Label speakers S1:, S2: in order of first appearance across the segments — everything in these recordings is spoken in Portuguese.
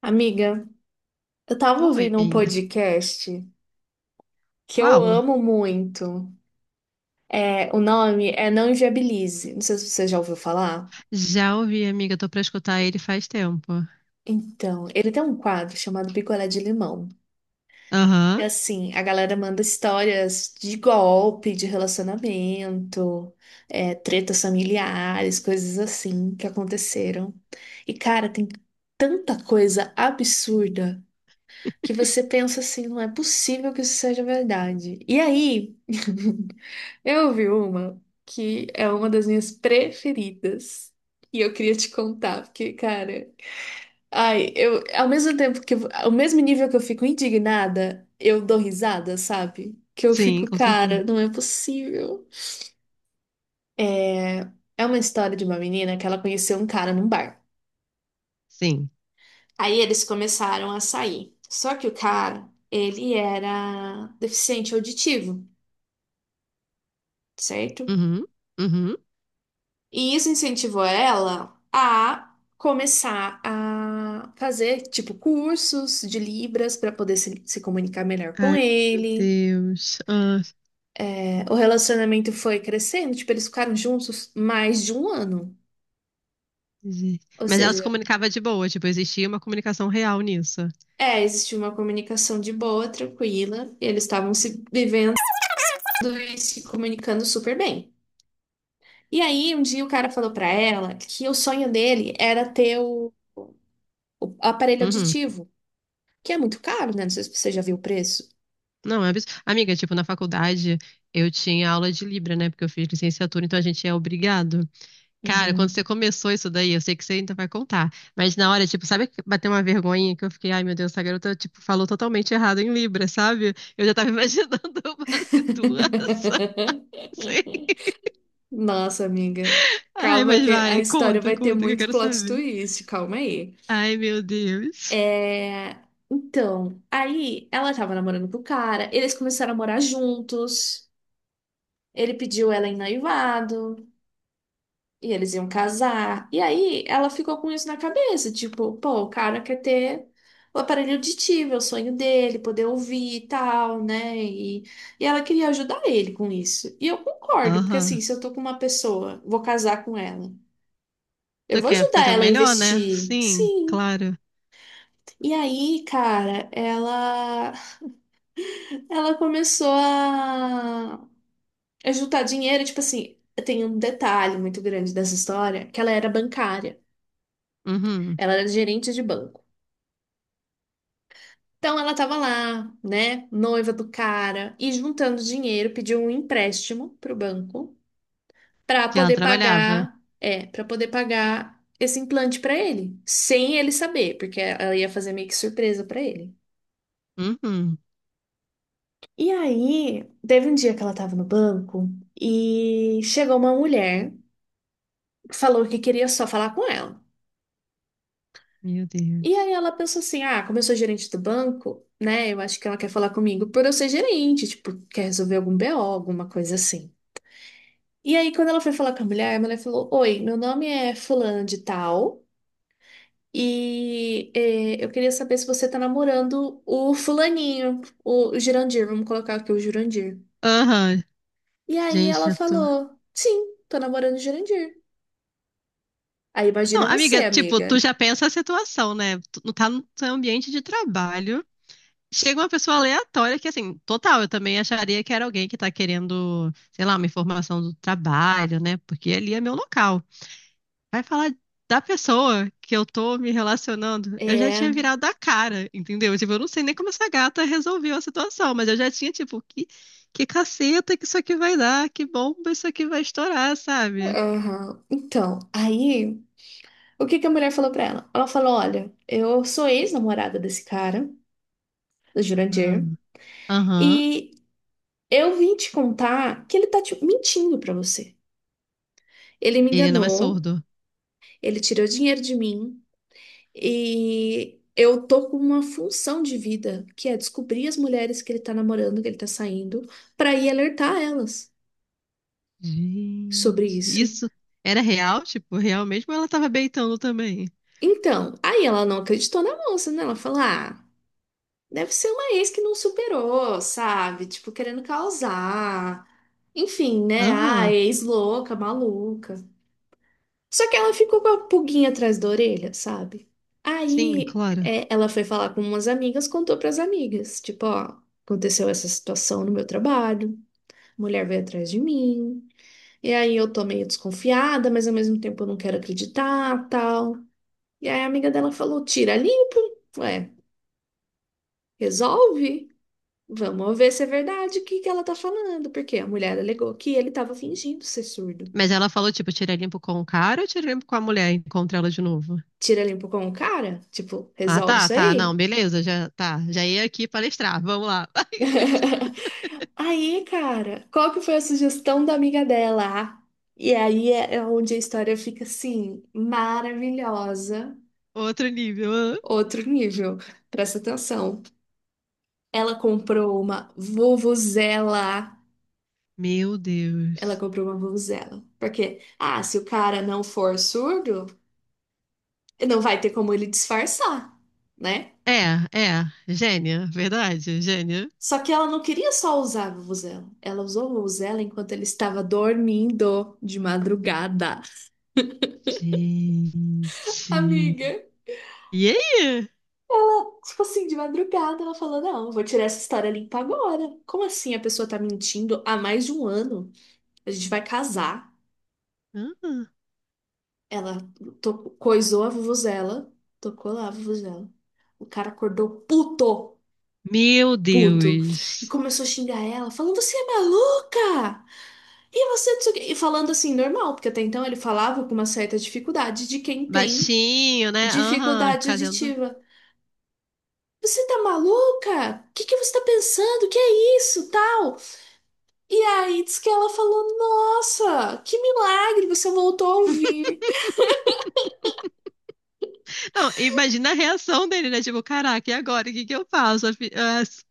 S1: Amiga, eu tava
S2: Oi,
S1: ouvindo um podcast que eu
S2: qual?
S1: amo muito. O nome é Não Inviabilize. Não sei se você já ouviu falar.
S2: Já ouvi, amiga, tô pra escutar ele faz tempo.
S1: Então, ele tem um quadro chamado Picolé de Limão. E
S2: Aham,
S1: assim, a galera manda histórias de golpe, de relacionamento, tretas familiares, coisas assim que aconteceram. E, cara, tem tanta coisa absurda que você pensa assim, não é possível que isso seja verdade. E aí. Eu vi uma que é uma das minhas preferidas e eu queria te contar, porque, cara, ai, eu, ao mesmo tempo que, ao mesmo nível que eu fico indignada, eu dou risada, sabe? Que eu
S2: sim,
S1: fico,
S2: com certeza.
S1: cara, não é possível. É, é uma história de uma menina que ela conheceu um cara num bar.
S2: Sim.
S1: Aí eles começaram a sair. Só que o cara, ele era deficiente auditivo, certo?
S2: Uhum, uhum.
S1: E isso incentivou ela a começar a fazer, tipo, cursos de Libras para poder se comunicar melhor com
S2: Ai, meu
S1: ele.
S2: Deus. Ah,
S1: É, o relacionamento foi crescendo, tipo, eles ficaram juntos mais de um ano.
S2: gente.
S1: Ou
S2: Mas ela se
S1: seja,
S2: comunicava de boa, tipo, existia uma comunicação real nisso.
S1: existiu uma comunicação de boa, tranquila, e eles estavam se vivendo e se comunicando super bem. E aí, um dia o cara falou para ela que o sonho dele era ter o aparelho
S2: Uhum.
S1: auditivo, que é muito caro, né? Não sei se você já viu o preço.
S2: Não, é abs... Amiga, tipo, na faculdade eu tinha aula de Libra, né? Porque eu fiz licenciatura, então a gente é obrigado. Cara, quando você
S1: Uhum.
S2: começou isso daí, eu sei que você ainda vai contar. Mas na hora, tipo, sabe que bateu uma vergonha que eu fiquei, ai meu Deus, essa garota, tipo, falou totalmente errado em Libra, sabe? Eu já tava imaginando uma situação assim.
S1: Nossa, amiga.
S2: Ai,
S1: Calma
S2: mas
S1: que a
S2: vai,
S1: história
S2: conta,
S1: vai ter
S2: conta, que eu
S1: muito
S2: quero
S1: plot
S2: saber.
S1: twist, calma aí.
S2: Ai, meu Deus.
S1: É... Então, aí ela tava namorando com o cara, eles começaram a morar juntos, ele pediu ela em noivado, e eles iam casar. E aí ela ficou com isso na cabeça, tipo, pô, o cara quer ter o aparelho auditivo, é o sonho dele, poder ouvir e tal, né? E ela queria ajudar ele com isso. E eu concordo, porque assim,
S2: Aham.
S1: se eu tô com uma pessoa, vou casar com ela. Eu
S2: Tu
S1: vou
S2: quer
S1: ajudar
S2: fazer o
S1: ela a
S2: melhor, né?
S1: investir.
S2: Sim,
S1: Sim.
S2: claro.
S1: E aí, cara, ela começou a juntar dinheiro, tipo assim, tem um detalhe muito grande dessa história, que ela era bancária.
S2: Uhum.
S1: Ela era gerente de banco. Então ela tava lá, né, noiva do cara, e juntando dinheiro, pediu um empréstimo pro banco pra
S2: Que ela
S1: poder
S2: trabalhava.
S1: pagar, para poder pagar esse implante pra ele, sem ele saber, porque ela ia fazer meio que surpresa pra ele.
S2: Uhum.
S1: E aí, teve um dia que ela tava no banco e chegou uma mulher, falou que queria só falar com ela.
S2: Meu
S1: E
S2: Deus.
S1: aí ela pensou assim: "Ah, como eu sou gerente do banco, né, eu acho que ela quer falar comigo por eu ser gerente, tipo, quer resolver algum BO, alguma coisa assim". E aí, quando ela foi falar com a mulher falou: Oi, meu nome é fulano de tal e eu queria saber se você tá namorando o fulaninho, o Jurandir, vamos colocar aqui o Jurandir.
S2: Aham.
S1: E aí
S2: Gente,
S1: ela
S2: eu tô.
S1: falou: Sim, tô namorando o Jurandir. Aí
S2: Não,
S1: imagina você,
S2: amiga, tipo, tu
S1: amiga.
S2: já pensa a situação, né? Tu não tá no teu ambiente de trabalho. Chega uma pessoa aleatória que, assim, total, eu também acharia que era alguém que tá querendo, sei lá, uma informação do trabalho, né? Porque ali é meu local. Vai falar da pessoa que eu tô me relacionando. Eu já
S1: É,
S2: tinha virado a cara, entendeu? Tipo, eu não sei nem como essa gata resolveu a situação, mas eu já tinha, tipo, que caceta que isso aqui vai dar, que bomba isso aqui vai estourar, sabe?
S1: aham. Então, aí, o que que a mulher falou pra ela? Ela falou: Olha, eu sou ex-namorada desse cara, do
S2: Ah,
S1: Jurandir,
S2: aham.
S1: e eu vim te contar que ele tá te mentindo pra você. Ele me
S2: Ele não é
S1: enganou,
S2: surdo.
S1: ele tirou dinheiro de mim e eu tô com uma função de vida, que é descobrir as mulheres que ele tá namorando, que ele tá saindo, pra ir alertar elas sobre
S2: Gente,
S1: isso.
S2: isso era real? Tipo, real mesmo? Ou ela tava beitando também?
S1: Então, aí ela não acreditou na moça, né? Ela falou: "Ah, deve ser uma ex que não superou, sabe? Tipo, querendo causar. Enfim, né? Ah,
S2: Aham,
S1: ex louca, maluca. Só que ela ficou com a pulguinha atrás da orelha, sabe?
S2: sim,
S1: Aí
S2: claro.
S1: é, ela foi falar com umas amigas, contou pras amigas, tipo, ó, aconteceu essa situação no meu trabalho, a mulher veio atrás de mim, e aí eu tô meio desconfiada, mas ao mesmo tempo eu não quero acreditar, tal. E aí a amiga dela falou, tira limpo, ué, resolve. Vamos ver se é verdade o que que ela tá falando, porque a mulher alegou que ele tava fingindo ser surdo.
S2: Mas ela falou, tipo, tira limpo com o cara ou tira limpo com a mulher? Encontra ela de novo.
S1: Tira limpo com o cara, tipo,
S2: Ah,
S1: resolve
S2: tá,
S1: isso
S2: tá, não,
S1: aí.
S2: beleza, já tá. Já ia aqui palestrar, vamos lá.
S1: Aí, cara, qual que foi a sugestão da amiga dela? Ah, e aí é onde a história fica assim, maravilhosa,
S2: Outro nível. Ah.
S1: outro nível. Presta atenção. Ela comprou uma vuvuzela.
S2: Meu
S1: Ela
S2: Deus.
S1: comprou uma vuvuzela. Porque, ah, se o cara não for surdo, não vai ter como ele disfarçar, né?
S2: É, é, gênia, verdade, gênia.
S1: Só que ela não queria só usar a vuvuzela. Ela usou a vuvuzela enquanto ele estava dormindo de madrugada.
S2: Gente.
S1: Amiga.
S2: E aí?
S1: Tipo assim, de madrugada, ela falou: Não, vou tirar essa história limpa agora. Como assim a pessoa tá mentindo há mais de um ano? A gente vai casar.
S2: Ah,
S1: Ela coisou a vuvuzela, tocou lá a vuvuzela. O cara acordou puto,
S2: meu
S1: puto, e
S2: Deus.
S1: começou a xingar ela, falando: Você é maluca! E você não sei o quê. E falando assim, normal, porque até então ele falava com uma certa dificuldade de quem tem
S2: Baixinho, né? Aham,
S1: dificuldade
S2: fazendo.
S1: auditiva. Você tá maluca? O que que você tá pensando? Que é isso? Tal. E aí diz que ela falou: Nossa, que milagre, você voltou a ouvir.
S2: Não, imagina a reação dele, né? Tipo, caraca, e agora? O que que eu faço? A fi- ah, s-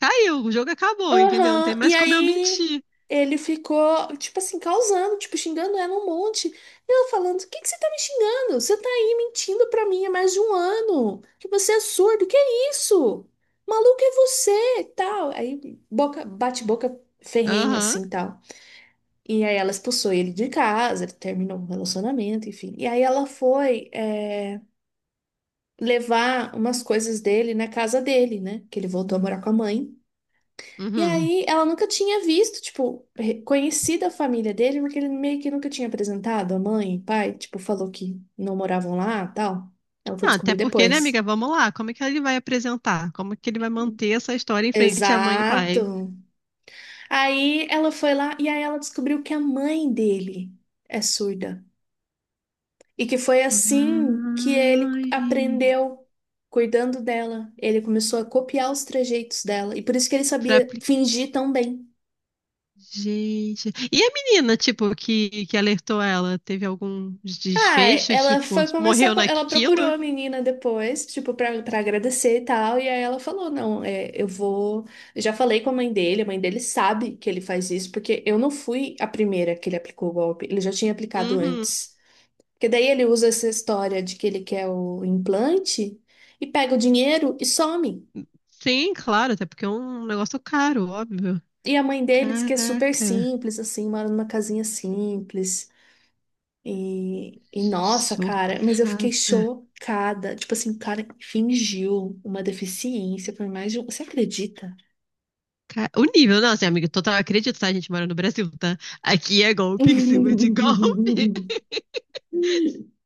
S2: Caiu, o jogo acabou, entendeu? Não tem
S1: Aham. E
S2: mais como eu
S1: aí
S2: mentir.
S1: ele ficou, tipo assim, causando, tipo, xingando ela um monte. E ela falando: O que que você tá me xingando? Você tá aí mentindo pra mim há mais de um ano. Que você é surdo, que é isso? Maluco é você, tal. Aí boca, bate boca ferrenho,
S2: Aham,
S1: assim, tal. E aí ela expulsou ele de casa, ele terminou o relacionamento, enfim. E aí ela foi. Levar umas coisas dele na casa dele, né? Que ele voltou a morar com a mãe. E
S2: uhum.
S1: aí ela nunca tinha visto, tipo, conhecido a família dele, porque ele meio que nunca tinha apresentado a mãe, o pai, tipo, falou que não moravam lá, tal. Ela foi
S2: Não, até
S1: descobrir
S2: porque, né,
S1: depois.
S2: amiga? Vamos lá. Como é que ele vai apresentar? Como é que ele vai manter essa história em frente à mãe e pai?
S1: Exato. Aí ela foi lá e aí ela descobriu que a mãe dele é surda. E que foi assim que ele
S2: Ai,
S1: aprendeu cuidando dela. Ele começou a copiar os trejeitos dela. E por isso que ele
S2: pra...
S1: sabia
S2: apli-
S1: fingir tão bem.
S2: Gente. E a menina, tipo, que alertou ela? Teve algum
S1: Ah,
S2: desfecho?
S1: ela
S2: Tipo,
S1: foi conversar
S2: morreu
S1: com. Ela procurou
S2: naquilo?
S1: a menina depois, tipo, pra agradecer e tal. E aí ela falou: Não, eu vou. Eu já falei com a mãe dele sabe que ele faz isso, porque eu não fui a primeira que ele aplicou o golpe. Ele já tinha aplicado
S2: Uhum.
S1: antes. Porque daí ele usa essa história de que ele quer o implante e pega o dinheiro e some.
S2: Sim, claro, até porque é um negócio caro, óbvio.
S1: E a mãe dele diz que é super
S2: Caraca,
S1: simples, assim, mora numa casinha simples. E nossa, cara, mas eu fiquei
S2: chocada.
S1: chocada. Tipo assim, o cara fingiu uma deficiência por mais de um. Você acredita?
S2: O nível, não, assim, amigo, total, acredito, tá? A gente mora no Brasil, tá? Aqui é golpe em cima de golpe.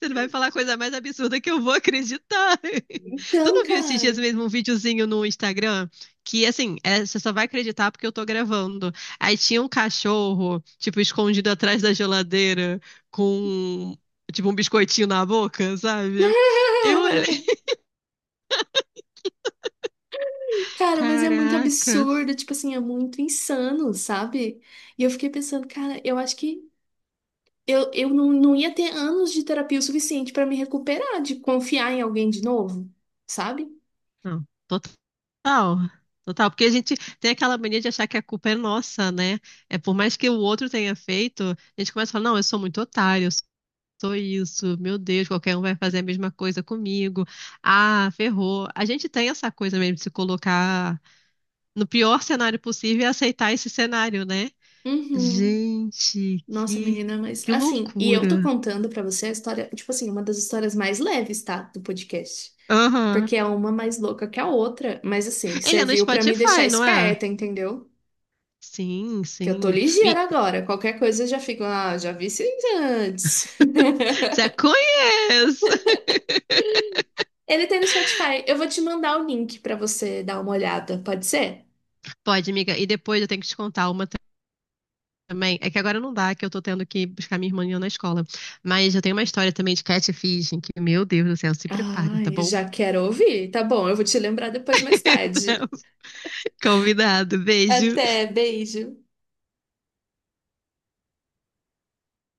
S2: Você vai falar a coisa mais absurda que eu vou acreditar. Tu
S1: Então,
S2: não viu esses dias
S1: cara.
S2: mesmo um videozinho no Instagram? Que assim, é, você só vai acreditar porque eu tô gravando. Aí tinha um cachorro, tipo, escondido atrás da geladeira, com, tipo, um biscoitinho na boca, sabe? Eu olhei,
S1: Cara, mas é muito
S2: caracas.
S1: absurdo, tipo assim, é muito insano, sabe? E eu fiquei pensando, cara, eu acho que eu não, não ia ter anos de terapia o suficiente pra me recuperar de confiar em alguém de novo, sabe?
S2: Não, total. Total, porque a gente tem aquela mania de achar que a culpa é nossa, né? É por mais que o outro tenha feito, a gente começa a falar, não, eu sou muito otário, sou isso, meu Deus, qualquer um vai fazer a mesma coisa comigo. Ah, ferrou. A gente tem essa coisa mesmo de se colocar no pior cenário possível e aceitar esse cenário, né?
S1: Uhum.
S2: Gente,
S1: Nossa,
S2: que,
S1: menina, mas
S2: que
S1: assim, e eu tô
S2: loucura.
S1: contando pra você a história, tipo assim, uma das histórias mais leves, tá, do podcast.
S2: Aham.
S1: Porque é uma mais louca que a outra, mas assim,
S2: Ele é no
S1: serviu pra me deixar
S2: Spotify, não é?
S1: esperta, entendeu?
S2: Sim,
S1: Que eu tô
S2: sim.
S1: ligeira
S2: Me...
S1: agora, qualquer coisa eu já fico, ah, já vi isso antes.
S2: Já conheço.
S1: Ele tem no Spotify, eu vou te mandar o link pra você dar uma olhada, pode ser?
S2: Pode, amiga. E depois eu tenho que te contar uma também. É que agora não dá, que eu tô tendo que buscar minha irmã na escola. Mas eu tenho uma história também de catfishing, que, meu Deus do céu, se prepara, tá
S1: Ai,
S2: bom?
S1: já quero ouvir. Tá bom, eu vou te lembrar depois mais
S2: Então,
S1: tarde.
S2: convidado, beijo.
S1: Até, beijo.